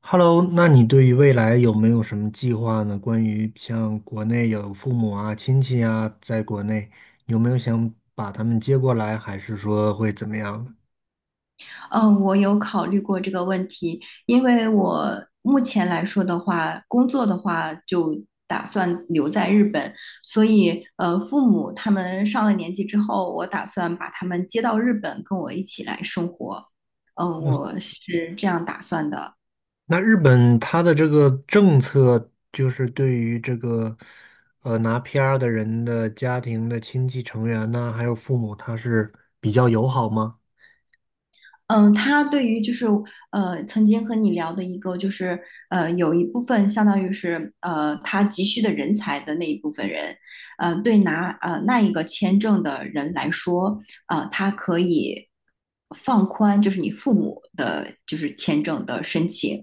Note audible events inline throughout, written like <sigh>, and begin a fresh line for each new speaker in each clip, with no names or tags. Hello，那你对于未来有没有什么计划呢？关于像国内有父母啊、亲戚啊，在国内有没有想把他们接过来，还是说会怎么样的。
嗯，我有考虑过这个问题，因为我目前来说的话，工作的话就打算留在日本，所以父母他们上了年纪之后，我打算把他们接到日本跟我一起来生活。嗯，我是这样打算的。
那日本他的这个政策就是对于这个拿 PR 的人的家庭的亲戚成员呢，还有父母，他是比较友好吗？
嗯，他对于就是曾经和你聊的一个就是有一部分相当于是他急需的人才的那一部分人，对拿那一个签证的人来说，他可以放宽就是你父母的就是签证的申请，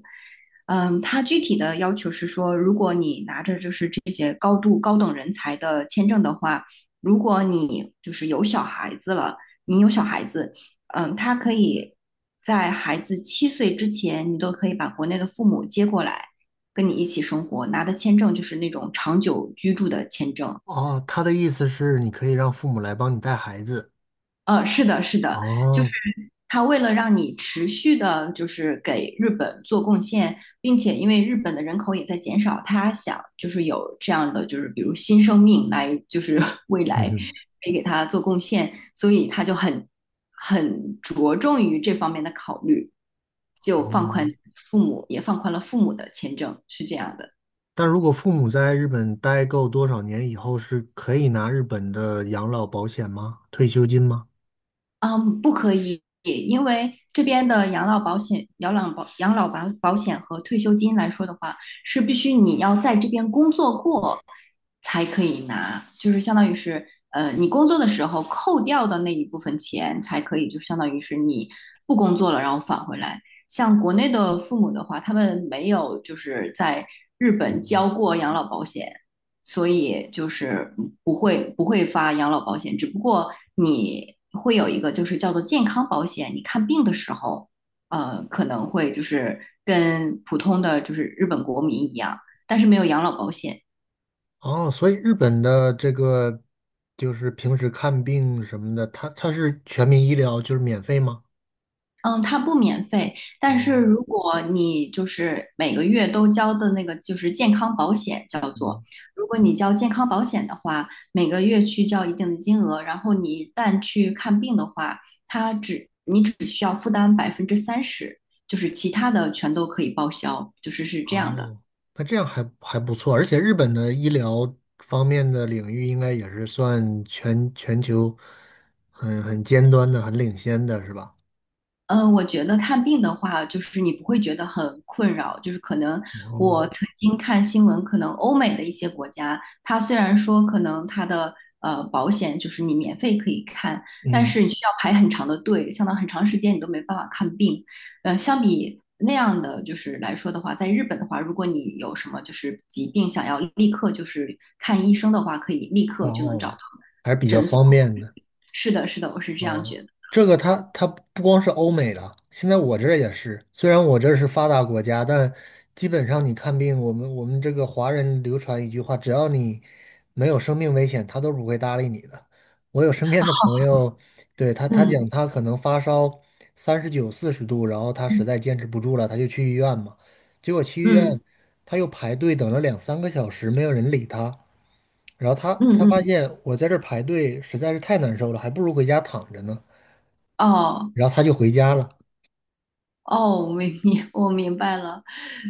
嗯，他具体的要求是说，如果你拿着就是这些高度高等人才的签证的话，如果你就是有小孩子了，你有小孩子。嗯，他可以在孩子7岁之前，你都可以把国内的父母接过来，跟你一起生活，拿的签证就是那种长久居住的签证。
哦，他的意思是你可以让父母来帮你带孩子。
是的，是的，就是
哦，
他为了让你持续的，就是给日本做贡献，并且因为日本的人口也在减少，他想就是有这样的，就是比如新生命来，就是 <laughs> 未
嗯
来
哼，
可以给他做贡献，所以他就很着重于这方面的考虑，就放
哦。
宽父母，也放宽了父母的签证，是这样的。
但如果父母在日本待够多少年以后，是可以拿日本的养老保险吗？退休金吗？
嗯，不可以，因为这边的养老保险和退休金来说的话，是必须你要在这边工作过才可以拿，就是相当于是，你工作的时候扣掉的那一部分钱才可以，就相当于是你不工作了，然后返回来。像国内的父母的话，他们没有就是在日本交过养老保险，所以就是不会发养老保险，只不过你会有一个就是叫做健康保险，你看病的时候，可能会就是跟普通的就是日本国民一样，但是没有养老保险。
哦，所以日本的这个就是平时看病什么的，它是全民医疗，就是免费吗？
嗯，它不免费，但是
哦，
如果你就是每个月都交的那个就是健康保险叫做，
嗯，
如果你交健康保险的话，每个月去交一定的金额，然后你一旦去看病的话，你只需要负担30%，就是其他的全都可以报销，就是是这样的。
哦，那这样还不错，而且日本的医疗方面的领域应该也是算全球很尖端的、很领先的，是吧？
嗯，我觉得看病的话，就是你不会觉得很困扰。就是可能
哦，
我曾经看新闻，可能欧美的一些国家，它虽然说可能它的保险就是你免费可以看，但
嗯，
是你需要排很长的队，相当很长时间你都没办法看病。相比那样的就是来说的话，在日本的话，如果你有什么就是疾病想要立刻就是看医生的话，可以立刻就能找
哦，
到。
还是比较方便的。
是的，是的，我是这样
哦，
觉得。
这个他不光是欧美的，现在我这儿也是。虽然我这是发达国家，但基本上你看病，我们这个华人流传一句话，只要你没有生命危险，他都不会搭理你的。我有身边的朋友，对，他
嗯
讲他可能发烧39、40度，然后他实
嗯
在坚持不住了，他就去医院嘛。结果去医院，
嗯
他又排队等了两三个小时，没有人理他。然后他
嗯，
发
嗯
现我在这儿排队实在是太难受了，还不如回家躺着呢。
哦。
然后他就回家了。
哦，我明明 <laughs> 我明白了，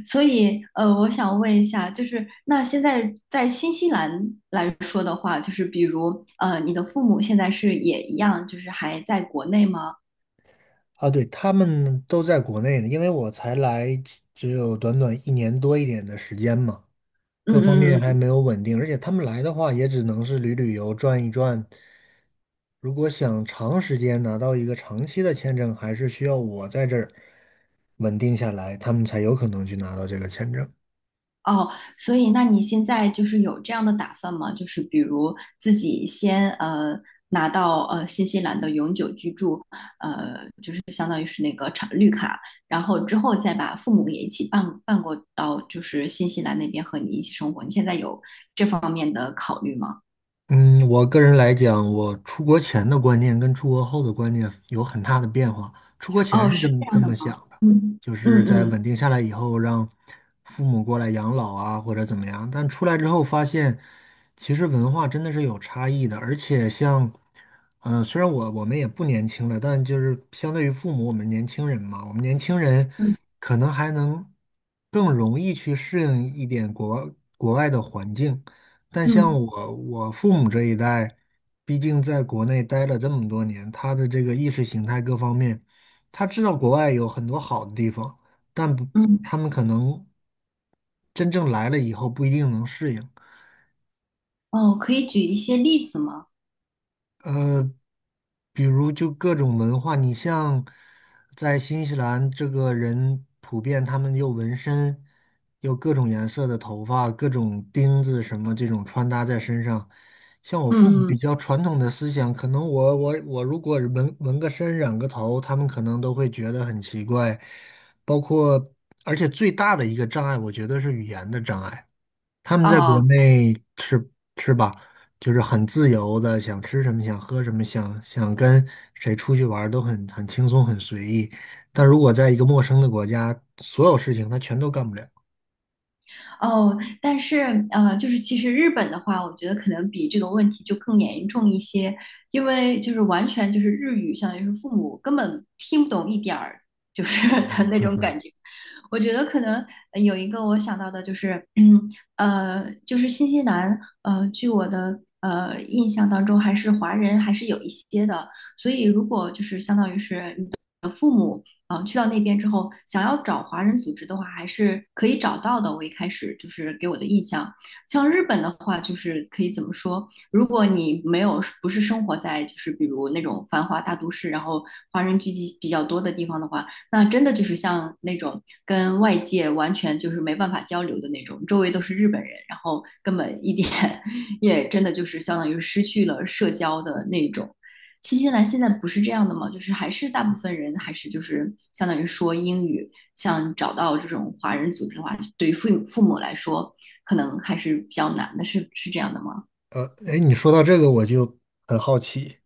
所以我想问一下，就是那现在在新西兰来说的话，就是比如你的父母现在是也一样，就是还在国内吗？
啊，对，他们都在国内呢，因为我才来只有短短一年多一点的时间嘛，各方面还
嗯
没有稳定，而且他们来的话也只能是旅游、转一转。如果想长时间拿到一个长期的签证，还是需要我在这儿稳定下来，他们才有可能去拿到这个签证。
哦，所以那你现在就是有这样的打算吗？就是比如自己先拿到新西兰的永久居住，就是相当于是那个长绿卡，然后之后再把父母也一起办过到就是新西兰那边和你一起生活。你现在有这方面的考虑吗？
嗯，我个人来讲，我出国前的观念跟出国后的观念有很大的变化。出国前
哦，
是
是
这么
这
这
样的
么想
吗？
的，
嗯
就是
嗯
在
嗯
稳定下来以后，让父母过来养老啊，或者怎么样。但出来之后发现，其实文化真的是有差异的。而且像，虽然我们也不年轻了，但就是相对于父母，我们年轻人嘛，我们年轻人
嗯
可能还能更容易去适应一点国外的环境。但像
嗯
我父母这一代，毕竟在国内待了这么多年，他的这个意识形态各方面，他知道国外有很多好的地方，但不，
嗯，
他们可能真正来了以后不一定能适应。
哦，可以举一些例子吗？
呃，比如就各种文化，你像在新西兰，这个人普遍他们有纹身，有各种颜色的头发，各种钉子什么这种穿搭在身上。像我父母
嗯嗯，
比较传统的思想，可能我如果纹个身、染个头，他们可能都会觉得很奇怪。包括，而且最大的一个障碍，我觉得是语言的障碍。他们在国
哦
内是吧，就是很自由的，想吃什么想喝什么，想跟谁出去玩儿都很轻松很随意。但如果在一个陌生的国家，所有事情他全都干不了。
哦，但是就是其实日本的话，我觉得可能比这个问题就更严重一些，因为就是完全就是日语，相当于是父母根本听不懂一点儿，就是 <laughs> 的那种感觉。我觉得可能有一个我想到的就是，就是新西兰，据我的印象当中，还是华人还是有一些的，所以如果就是相当于是去到那边之后，想要找华人组织的话，还是可以找到的。我一开始就是给我的印象，像日本的话，就是可以怎么说？如果你没有不是生活在就是比如那种繁华大都市，然后华人聚集比较多的地方的话，那真的就是像那种跟外界完全就是没办法交流的那种，周围都是日本人，然后根本一点 <laughs> 也真的就是相当于失去了社交的那种。新西兰现在不是这样的吗？就是还是大部分人还是就是相当于说英语，像找到这种华人组织的话，对于父母来说，可能还是比较难的，是这样的吗？
哎，你说到这个我就很好奇，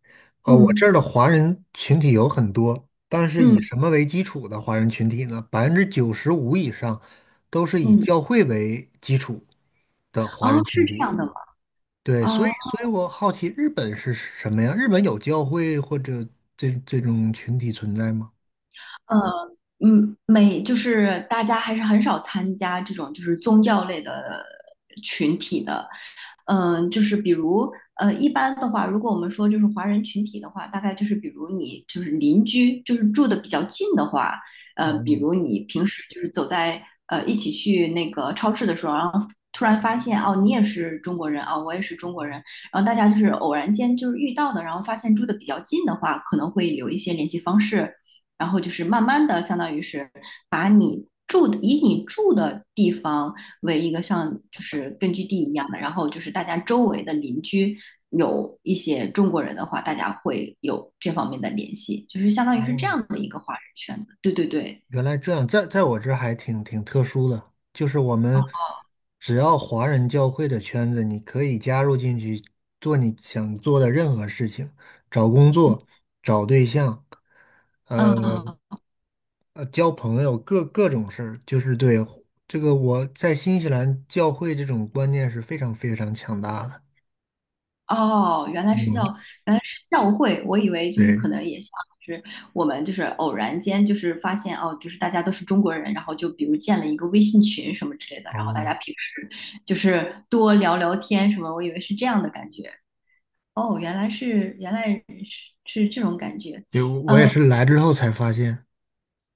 我这
嗯
儿的华人群体有很多，但是以
嗯
什么为基础的华人群体呢？95%以上都是以
嗯，
教会为基础的华
哦，
人
是
群
这
体。
样的吗？
对，所以
哦，
所以我好奇日本是什么呀？日本有教会或者这种群体存在吗？
呃，嗯，就是大家还是很少参加这种就是宗教类的群体的，就是比如一般的话，如果我们说就是华人群体的话，大概就是比如你就是邻居，就是住的比较近的话，比
哦
如你平时就是走在一起去那个超市的时候，然后突然发现哦，你也是中国人啊、我也是中国人，然后大家就是偶然间就是遇到的，然后发现住的比较近的话，可能会有一些联系方式，然后就是慢慢的，相当于是把你住以你住的地方为一个像就是根据地一样的，然后就是大家周围的邻居有一些中国人的话，大家会有这方面的联系，就是相当于是这
哦，
样的一个华人圈子。对对对，
原来这样，在我这儿还挺特殊的，就是我们
啊、
只要华人教会的圈子，你可以加入进去，做你想做的任何事情，找工作、找对象，呃
哦
交朋友，各种事儿，就是对这个我在新西兰教会这种观念是非常非常强大的。
哦，
嗯，
原来是教会，我以为就是可
对，
能也像就是我们就是偶然间就是发现哦，就是大家都是中国人，然后就比如建了一个微信群什么之类的，然后大家
哦，
平时就是多聊聊天什么，我以为是这样的感觉。哦，原来是是这种感觉。
对，我也
呃
是来之后才发现，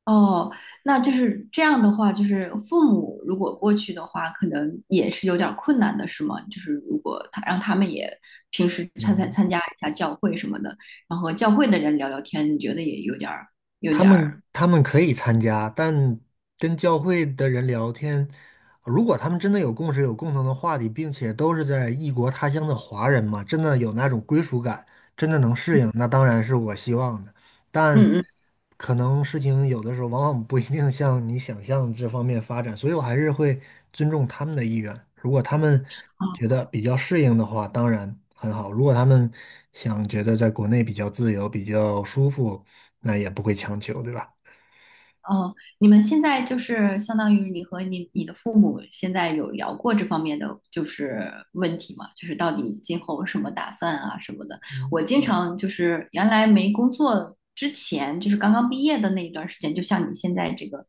哦，那就是这样的话，就是父母如果过去的话，可能也是有点儿困难的，是吗？就是如果他让他们也平时参参
嗯，
参加一下教会什么的，然后和教会的人聊聊天，你觉得也有点儿有
他
点
们
儿，
他们可以参加，但跟教会的人聊天，如果他们真的有共识、有共同的话题，并且都是在异国他乡的华人嘛，真的有那种归属感，真的能适应，那当然是我希望的。但
嗯嗯，
可能事情有的时候往往不一定像你想象这方面发展，所以我还是会尊重他们的意愿。如果他们觉
嗯
得比较适应的话，当然很好；如果他们想觉得在国内比较自由、比较舒服，那也不会强求，对吧？
哦，你们现在就是相当于你和你的父母现在有聊过这方面的就是问题吗？就是到底今后什么打算啊什么的。我经常就是原来没工作之前，就是刚刚毕业的那一段时间，就像你现在这个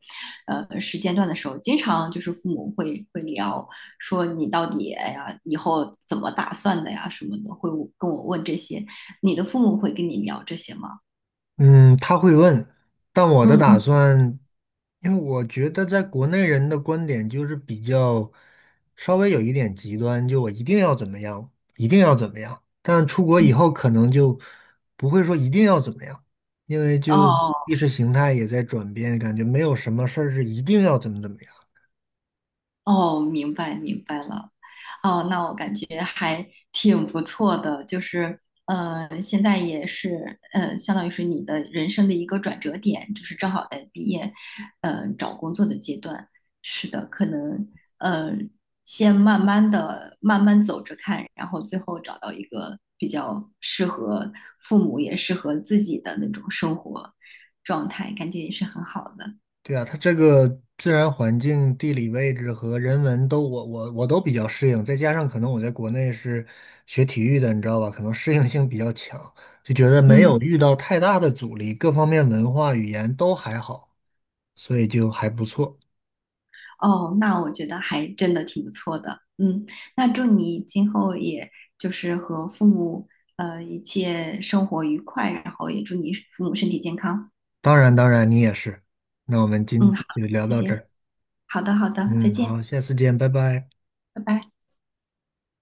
时间段的时候，经常就是父母会聊说你到底哎呀以后怎么打算的呀什么的，会跟我问这些。你的父母会跟你聊这些吗？
嗯，他会问，但我的打
嗯，
算，因为我觉得在国内人的观点就是比较稍微有一点极端，就我一定要怎么样，一定要怎么样。但出国以后
嗯
可能就不会说一定要怎么样，因为就
哦
意识形态也在转变，感觉没有什么事儿是一定要怎么样。
哦，明白了。哦，那我感觉还挺不错的，就是，现在也是，相当于是你的人生的一个转折点，就是正好在毕业，找工作的阶段。是的，可能，呃，先慢慢的、慢慢走着看，然后最后找到一个比较适合父母也适合自己的那种生活状态，感觉也是很好的。
对啊，它这个自然环境、地理位置和人文都我都比较适应，再加上可能我在国内是学体育的，你知道吧？可能适应性比较强，就觉得没有
嗯。
遇到太大的阻力，各方面文化语言都还好，所以就还不错。
哦，那我觉得还真的挺不错的。嗯，那祝你今后也就是和父母一切生活愉快，然后也祝你父母身体健康。
当然，当然你也是。那我们
嗯，
今
好，
就聊
谢
到这
谢。
儿，
好的，好的，再
嗯，
见，
好，下次见，拜拜。
拜拜。